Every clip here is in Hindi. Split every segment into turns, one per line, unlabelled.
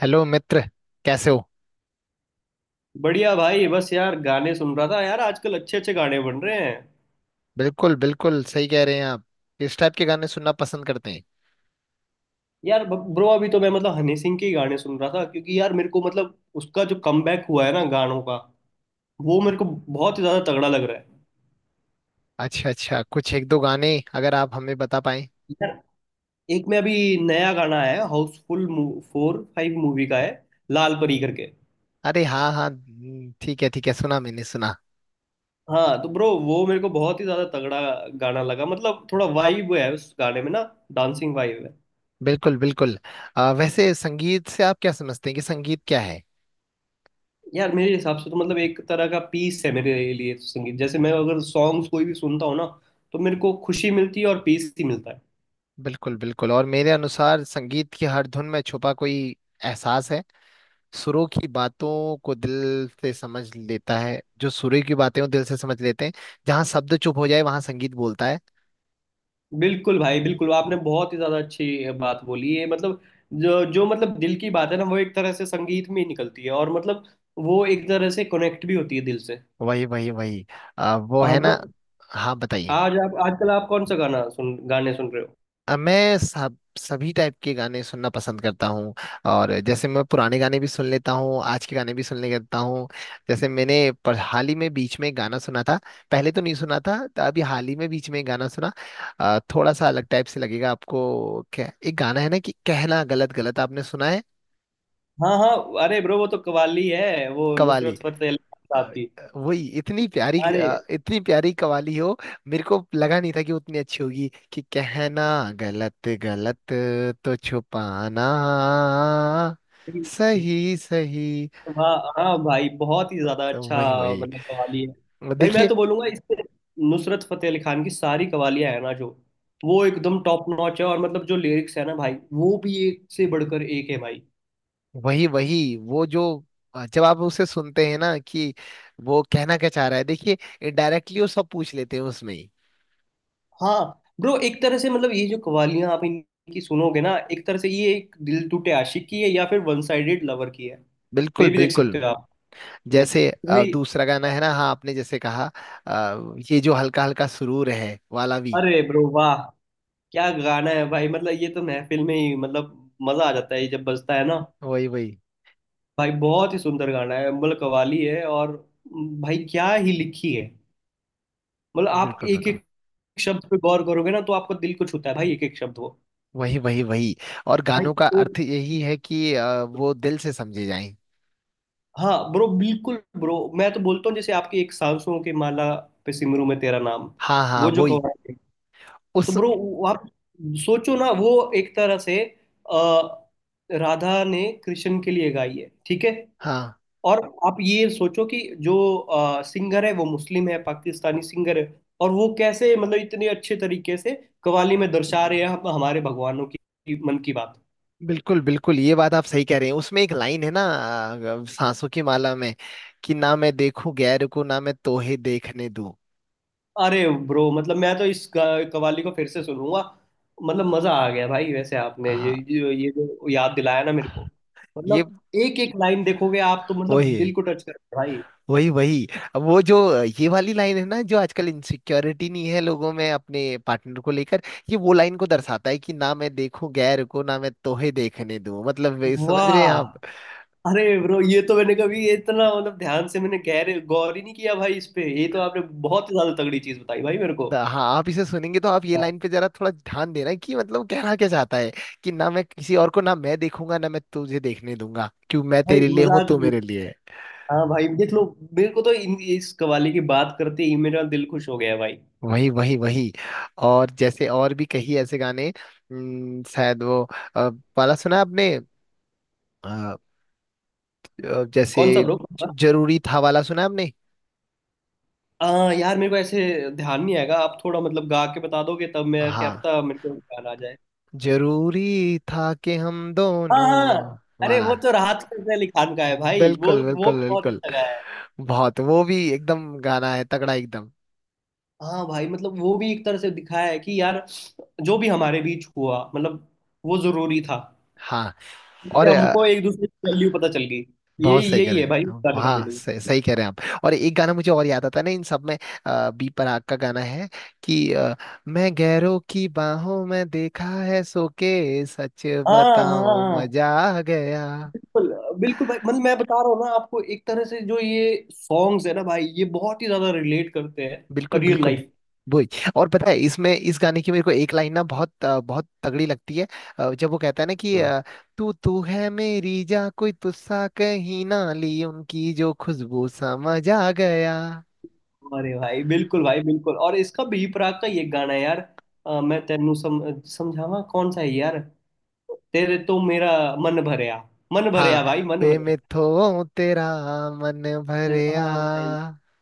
हेलो मित्र। कैसे हो।
बढ़िया भाई। बस यार गाने सुन रहा था। यार आजकल अच्छे अच्छे गाने बन रहे हैं।
बिल्कुल बिल्कुल सही कह रहे हैं आप। किस टाइप के गाने सुनना पसंद करते हैं।
यार ब्रो अभी तो मैं मतलब हनी सिंह के ही गाने सुन रहा था, क्योंकि यार मेरे को मतलब उसका जो कमबैक हुआ है ना गानों का, वो मेरे को बहुत ही ज्यादा तगड़ा लग रहा है।
अच्छा अच्छा, कुछ एक दो गाने अगर आप हमें बता पाएं।
यार एक में अभी नया गाना आया है, हाउसफुल 4 5 मूवी का है, लाल परी करके।
अरे हाँ हाँ, ठीक है ठीक है, सुना मैंने सुना।
हाँ तो ब्रो वो मेरे को बहुत ही ज्यादा तगड़ा गाना लगा। मतलब थोड़ा वाइब है उस गाने में ना, डांसिंग वाइब।
बिल्कुल बिल्कुल। वैसे संगीत से आप क्या समझते हैं कि संगीत क्या है।
यार मेरे हिसाब से तो मतलब एक तरह का पीस है मेरे लिए तो संगीत। जैसे मैं अगर सॉन्ग्स कोई भी सुनता हूँ ना, तो मेरे को खुशी मिलती है और पीस ही मिलता है।
बिल्कुल बिल्कुल। और मेरे अनुसार संगीत की हर धुन में छुपा कोई एहसास है। सुरों की बातों को दिल से समझ लेता है। जो सुरों की बातें हो दिल से समझ लेते हैं। जहाँ शब्द चुप हो जाए वहाँ संगीत बोलता है।
बिल्कुल भाई बिल्कुल, आपने बहुत ही ज्यादा अच्छी बात बोली है। मतलब जो जो मतलब दिल की बात है ना, वो एक तरह से संगीत में ही निकलती है, और मतलब वो एक तरह से कनेक्ट भी होती है दिल से।
वही वही वही। वो
हाँ
है
ब्रो।
ना। हाँ, बताइए।
आज आप आजकल आप कौन सा गाना सुन गाने सुन रहे हो?
मैं सब सभी टाइप के गाने सुनना पसंद करता हूँ। और जैसे मैं पुराने गाने भी सुन लेता हूँ, आज के गाने भी सुन लेता हूँ। जैसे मैंने, पर हाल ही में बीच में एक गाना सुना था। पहले तो नहीं सुना था, तो अभी हाल ही में बीच में एक गाना सुना। थोड़ा सा अलग टाइप से लगेगा आपको, क्या एक गाना है ना कि कहना गलत गलत, आपने सुना है।
हाँ हाँ, अरे ब्रो वो तो कव्वाली है वो,
कवाली।
नुसरत फतेह अली खान साहब
अ,
की।
वही इतनी प्यारी, इतनी प्यारी कवाली हो। मेरे को लगा नहीं था कि उतनी अच्छी होगी कि कहना गलत गलत तो छुपाना।
अरे
सही सही।
हाँ हाँ भाई, बहुत ही ज्यादा
तो
अच्छा।
वही वही,
मतलब कवाली है भाई। मैं
देखिए।
तो बोलूंगा इससे नुसरत फतेह अली खान की सारी कवालियां है ना जो, वो एकदम टॉप नॉच है। और मतलब जो लिरिक्स है ना भाई, वो भी एक से बढ़कर एक है भाई।
वही वही। वो जो जब आप उसे सुनते हैं ना कि वो कहना क्या चाह रहा है, देखिए, इनडायरेक्टली वो सब पूछ लेते हैं उसमें ही।
हाँ ब्रो, एक तरह से मतलब ये जो कवालियां आप इनकी सुनोगे ना, एक तरह से ये एक दिल टूटे आशिक की है, या फिर वन साइडेड लवर की है।
बिल्कुल
वे भी देख सकते
बिल्कुल।
हो आप इसमें।
जैसे
भाई
दूसरा गाना है ना, हाँ, आपने जैसे कहा, ये जो हल्का हल्का सुरूर है वाला भी।
अरे ब्रो वाह, क्या गाना है भाई। मतलब ये तो महफिल में ही मतलब मजा आ जाता है ये जब बजता है ना।
वही वही।
भाई बहुत ही सुंदर गाना है। मतलब कव्वाली है, और भाई क्या ही लिखी है। मतलब आप
बिल्कुल
एक
बिल्कुल।
एक शब्द पे गौर करोगे ना, तो आपको दिल को छूता है भाई एक एक शब्द वो।
वही वही वही। और
भाई
गानों का
एक-
अर्थ यही है कि वो दिल से समझे जाएं।
हाँ ब्रो बिल्कुल ब्रो, मैं तो बोलता हूँ जैसे आपकी एक सांसों की माला पे सिमरू में तेरा नाम,
हाँ हाँ,
वो जो
वही
कव्वाली है, तो
उस।
ब्रो आप सोचो ना वो एक तरह से अ, राधा ने कृष्ण के लिए गाई है, ठीक है।
हाँ,
और आप ये सोचो कि जो सिंगर है वो मुस्लिम है, पाकिस्तानी सिंगर है। और वो कैसे मतलब इतने अच्छे तरीके से कव्वाली में दर्शा रहे हैं हम हमारे भगवानों की मन की बात।
बिल्कुल बिल्कुल, ये बात आप सही कह रहे हैं। उसमें एक लाइन है ना, सांसों की माला में, कि ना मैं देखूं गैर को ना मैं तोहे देखने दूं।
अरे ब्रो मतलब मैं तो इस कव्वाली को फिर से सुनूंगा। मतलब मजा आ गया भाई। वैसे आपने ये
हाँ,
ये ये जो याद दिलाया ना मेरे को,
ये
मतलब एक एक लाइन देखोगे आप, तो मतलब
वही है।
दिल को टच करता है भाई।
वही वही। अब वो जो ये वाली लाइन है ना, जो आजकल इनसिक्योरिटी नहीं है लोगों में अपने पार्टनर को लेकर, ये वो लाइन को दर्शाता है कि ना मैं देखूं गैर को ना मैं तोहे देखने दूं, मतलब ये समझ रहे हैं आप।
वाह, अरे ब्रो ये तो मैंने कभी इतना मतलब ध्यान से मैंने गहरे गौर ही नहीं किया भाई इस पे। ये तो आपने बहुत ही ज्यादा तगड़ी चीज बताई भाई मेरे को।
हाँ, आप इसे सुनेंगे तो आप ये
हाँ।
लाइन पे जरा थोड़ा ध्यान देना कि मतलब कहना क्या चाहता है, कि ना मैं किसी और को ना मैं देखूंगा ना मैं तुझे देखने दूंगा, क्यों मैं
भाई
तेरे लिए हूं
मजाक
तू
नहीं।
मेरे लिए है।
हाँ भाई देख लो। मेरे को तो इस कवाली की बात करते ही मेरा दिल खुश हो गया भाई।
वही वही वही। और जैसे और भी कई ऐसे गाने, शायद वो अ, वाला सुना है आपने,
कौन सा
जैसे
ब्रो? कौन सा?
जरूरी था वाला सुना है आपने।
हाँ यार, मेरे को ऐसे ध्यान नहीं आएगा। आप थोड़ा मतलब गा के बता दोगे तब मैं, क्या
हाँ,
पता मेरे को ध्यान आ जाए।
जरूरी था कि हम
हाँ
दोनों
हाँ, अरे
वाला।
वो तो राहत फतेह अली खान का है भाई। वो
बिल्कुल
वो
बिल्कुल
भी बहुत
बिल्कुल।
अच्छा गाया है।
बहुत, वो भी एकदम गाना है तगड़ा एकदम।
हाँ भाई मतलब वो भी एक तरह से दिखाया है कि यार, जो भी हमारे बीच हुआ मतलब वो जरूरी था।
हाँ और,
उससे हमको एक दूसरे की वैल्यू पता चल गई।
बहुत
यही
सही कह
यही
रहे
है भाई
हैं,
बताने का
हाँ
मीनिंग।
सही, सही कह रहे हैं आप। और एक गाना मुझे और याद आता है ना इन सब में, बी प्राक का गाना है कि, मैं गैरों की बाहों में देखा है सो के, सच
हाँ हाँ
बताऊं,
हाँ,
मजा आ गया।
बिल्कुल बिल्कुल भाई। मतलब मैं बता रहा हूँ ना आपको, एक तरह से जो ये सॉन्ग्स है ना भाई, ये बहुत ही ज्यादा रिलेट करते हैं
बिल्कुल
रियल
बिल्कुल।
लाइफ।
वही। और पता है, इसमें इस गाने की मेरे को एक लाइन ना बहुत, बहुत तगड़ी लगती है। जब वो कहता है ना कि,
हाँ,
तू तू है मेरी जा कोई तुस्सा कहीं ना ली उनकी जो खुशबू, समझ आ गया।
अरे भाई बिल्कुल भाई बिल्कुल। और इसका भी प्राक का ये गाना है यार, मैं तेनू समझावा कौन सा है यार, तेरे तो मेरा मन भरया। मन
हाँ,
भरया भाई, मन
वे
भरया।
में थो तेरा मन भरया।
हाँ भाई,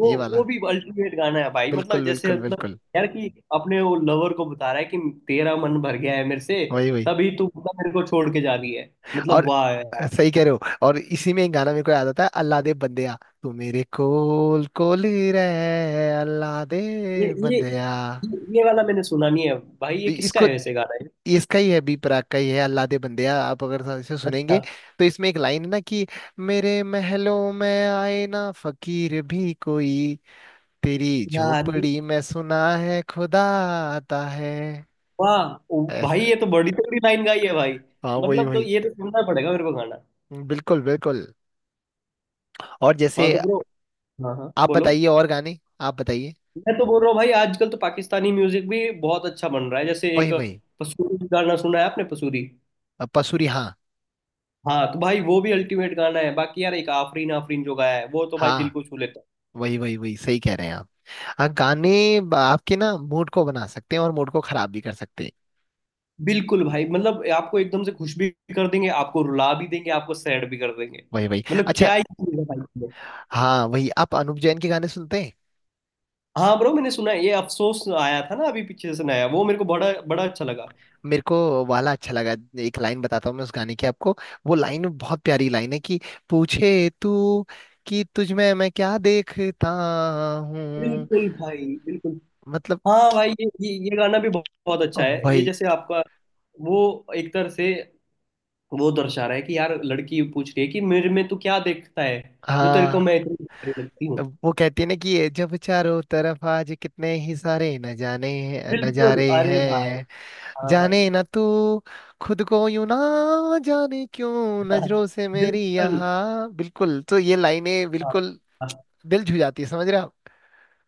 वो
ये
वो
वाला।
भी अल्टीमेट गाना है भाई। मतलब
बिल्कुल
जैसे
बिल्कुल
मतलब
बिल्कुल।
यार कि अपने वो लवर को बता रहा है कि तेरा मन भर गया है मेरे से,
वही वही।
तभी तू मतलब मेरे को छोड़ के जा रही है। मतलब
और
वाह यार।
सही कह रहे हो। और इसी में एक गाना मेरे को याद आता है, अल्लाह दे बंदेया, तू मेरे कोल कोल ही रहे अल्लाह दे
ये
बंदेया।
ये वाला मैंने सुना नहीं है भाई। ये
ये-
किसका
इसको
है वैसे गाना है?
ये इसका ही है, बी प्राक का ही है अल्लाह दे बंदेया। आप अगर इसे सुनेंगे
अच्छा,
तो इसमें एक लाइन है ना कि, मेरे महलों में आए ना फकीर भी कोई, तेरी
यार
झोपड़ी में सुना है खुदा आता है,
वाह ओ भाई,
ऐसा।
ये तो बड़ी तगड़ी लाइन गाई है भाई।
हाँ, वही
मतलब तो
वही।
ये तो सुनना पड़ेगा मेरे को गाना।
बिल्कुल बिल्कुल। और
हाँ
जैसे,
तो ब्रो, हाँ हाँ
आप
बोलो।
बताइए, और गाने आप बताइए।
मैं तो बोल रहा हूँ भाई, आजकल तो पाकिस्तानी म्यूजिक भी बहुत अच्छा बन रहा है। जैसे
वही
एक
वही।
पसूरी गाना सुना है आपने, पसूरी?
पसूरी, हाँ।
हाँ, तो भाई वो भी अल्टीमेट गाना है। बाकी यार एक आफरीन आफरीन जो गाया है, वो तो भाई दिल
हाँ,
को छू लेता है।
वही वही वही, सही कह रहे हैं आप। हाँ, गाने आपके ना मूड को बना सकते हैं और मूड को खराब भी कर सकते हैं।
बिल्कुल भाई। मतलब आपको एकदम से खुश भी कर देंगे, आपको रुला भी देंगे, आपको सैड भी कर देंगे।
वही वही,
मतलब
अच्छा।
क्या ही चीज़ है भाई ये।
हाँ वही, आप अनुप जैन के गाने सुनते हैं।
हाँ ब्रो, मैंने सुना है ये अफसोस आया था ना अभी पीछे से नया, वो मेरे को बड़ा बड़ा अच्छा लगा।
मेरे को वाला अच्छा लगा। एक लाइन बताता हूँ मैं उस गाने की आपको। वो लाइन बहुत प्यारी लाइन है कि, पूछे तू कि तुझ में मैं क्या देखता हूँ।
बिल्कुल भाई बिल्कुल।
मतलब
हाँ भाई, ये गाना भी बहुत अच्छा है। ये
वही।
जैसे आपका वो एक तरह से वो दर्शा रहा है कि यार, लड़की पूछ रही है कि मेरे में तू क्या देखता है, जो तेरे को
हाँ,
मैं इतनी प्यारी लगती हूँ।
वो कहती है ना कि, ये जब चारों तरफ आज कितने ही सारे न जाने
बिल्कुल
नजारे
अरे भाई,
हैं,
हाँ भाई,
जाने ना तू खुद को, यूं ना जाने क्यों नजरों से मेरी
बिल्कुल।
यहाँ, बिल्कुल तो ये लाइनें
हाँ।
बिल्कुल
हाँ।
दिल छू जाती है, समझ रहे हो आप।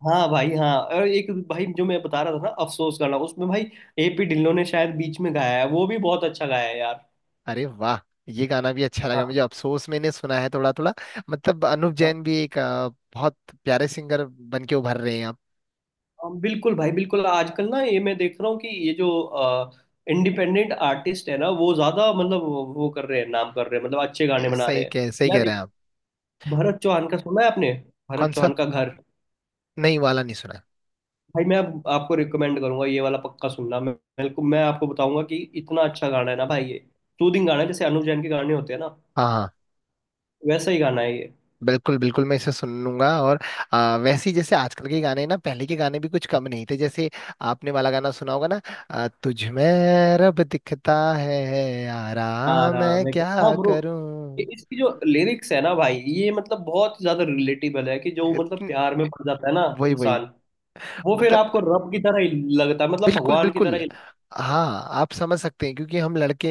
हाँ भाई। हाँ, और एक भाई जो मैं बता रहा था ना, अफसोस करना, उसमें भाई एपी ढिल्लों ने शायद बीच में गाया है। वो भी बहुत अच्छा गाया है यार।
अरे वाह, ये गाना भी अच्छा लगा
हाँ
मुझे, अफसोस मैंने सुना है थोड़ा थोड़ा। मतलब अनूप
हाँ,
जैन भी एक बहुत प्यारे सिंगर बन के उभर रहे हैं आप।
हाँ, बिल्कुल भाई बिल्कुल। आजकल ना ये मैं देख रहा हूँ कि ये जो इंडिपेंडेंट आर्टिस्ट है ना, वो ज्यादा मतलब वो कर रहे हैं, नाम कर रहे हैं, मतलब अच्छे गाने बना रहे
सही
हैं।
कह सही कह
यार
रहे
एक
हैं आप।
भरत चौहान का सुना है आपने,
कौन
भरत
सा?
चौहान का घर?
नहीं, वाला नहीं सुना।
भाई मैं आपको रिकमेंड करूंगा, ये वाला पक्का सुनना। मैं मेरे को, मैं आपको बताऊंगा कि इतना अच्छा गाना है ना भाई ये। सूदिंग गाना है जैसे अनुव जैन के गाने होते हैं ना,
हाँ हाँ।
वैसा ही गाना है ये।
बिल्कुल बिल्कुल, मैं इसे सुन लूंगा। और वैसे ही, जैसे आजकल के गाने ना पहले के गाने भी कुछ कम नहीं थे, जैसे आपने वाला गाना सुना होगा ना, तुझ में रब दिखता है यारा, मैं
आराम है क्या? हाँ
क्या
ब्रो।
करूं।
इसकी जो लिरिक्स है ना भाई, ये मतलब बहुत ज्यादा रिलेटेबल है। कि जो मतलब
इतन-
प्यार में पड़ जाता है ना
वही वही,
इंसान, वो फिर
मतलब,
आपको रब की तरह ही लगता है, मतलब
बिल्कुल
भगवान की तरह
बिल्कुल।
ही लगता
हाँ, आप समझ सकते हैं क्योंकि हम लड़के,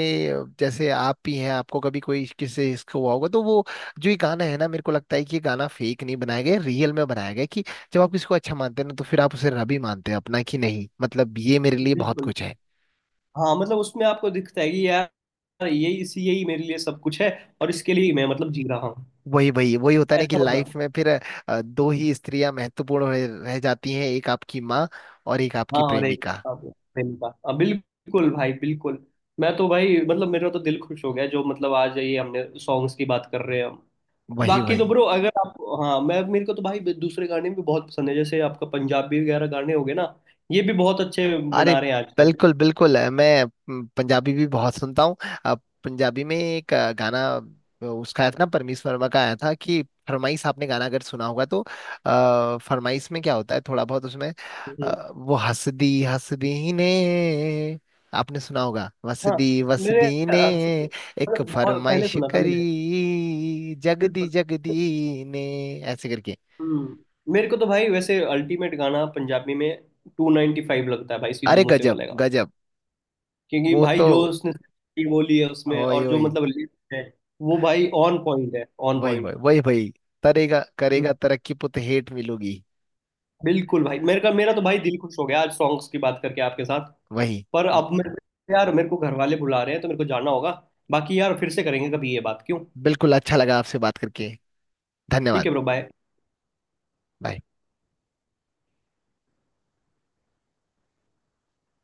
जैसे आप भी हैं, आपको कभी कोई किससे इसका हुआ होगा तो वो जो ये गाना है ना, मेरे को लगता है कि ये गाना फेक नहीं बनाया गया, रियल में बनाया गया है, कि जब आप किसी को अच्छा मानते हैं ना तो फिर आप उसे रब ही मानते हैं अपना कि नहीं, मतलब ये मेरे
है।
लिए बहुत
बिल्कुल।
कुछ है।
हाँ मतलब उसमें आपको दिखता है कि यार, यही इसी यही मेरे लिए सब कुछ है, और इसके लिए ही मैं मतलब जी रहा हूँ।
वही वही वही होता है ना कि
ऐसा
लाइफ
मतलब।
में फिर दो ही स्त्रियां महत्वपूर्ण रह रह जाती हैं, एक आपकी माँ और एक आपकी
हाँ, और एक
प्रेमिका।
अब फिल्म का, अब बिल्कुल भाई बिल्कुल। मैं तो भाई मतलब मेरा तो दिल खुश हो गया, जो मतलब आज ये हमने सॉन्ग्स की बात कर रहे हैं हम।
वही
बाकी तो
वही।
ब्रो, अगर आप, हाँ मैं, मेरे को तो भाई दूसरे गाने भी बहुत पसंद है। जैसे आपका पंजाबी वगैरह गाने हो गए ना, ये भी बहुत अच्छे
अरे
बना रहे हैं आजकल।
बिल्कुल बिल्कुल, मैं पंजाबी भी बहुत सुनता हूँ। अ, पंजाबी में एक गाना, उसका आया था ना, परमीश वर्मा का आया था कि फरमाइश, आपने गाना अगर सुना होगा तो, फरमाइश में क्या होता है थोड़ा बहुत उसमें,
हम्म,
वो हसदी हसदी ने, आपने सुना होगा,
हाँ
वसदी
मेरे
वसदी ने,
आपसे
एक
मतलब बहुत पहले
फरमाइश
सुना था मैंने।
करी जगदी
बिल्कुल।
जगदी ने, ऐसे करके।
हम्म, मेरे को तो भाई वैसे अल्टीमेट गाना पंजाबी में 295 लगता है भाई, सिद्धू
अरे
मूसे
गजब
वाले का।
गजब।
क्योंकि
वो
भाई
तो
जो उसने script बोली है उसमें,
ओए
और जो
ओए,
मतलब lyrics है, वो भाई ऑन पॉइंट है, ऑन
वही
पॉइंट।
वही वही वही, तरेगा करेगा तरक्की पुत हेठ मिलोगी।
बिल्कुल भाई। मेरे का मेरा तो भाई दिल खुश हो गया आज सॉन्ग्स की बात करके आपके साथ।
वही।
पर
ब-
अब मेरे को घर वाले बुला रहे हैं, तो मेरे को जाना होगा। बाकी यार फिर से करेंगे कभी ये बात, क्यों।
बिल्कुल, अच्छा लगा आपसे बात करके।
ठीक है
धन्यवाद।
Bro, bye.
बाय।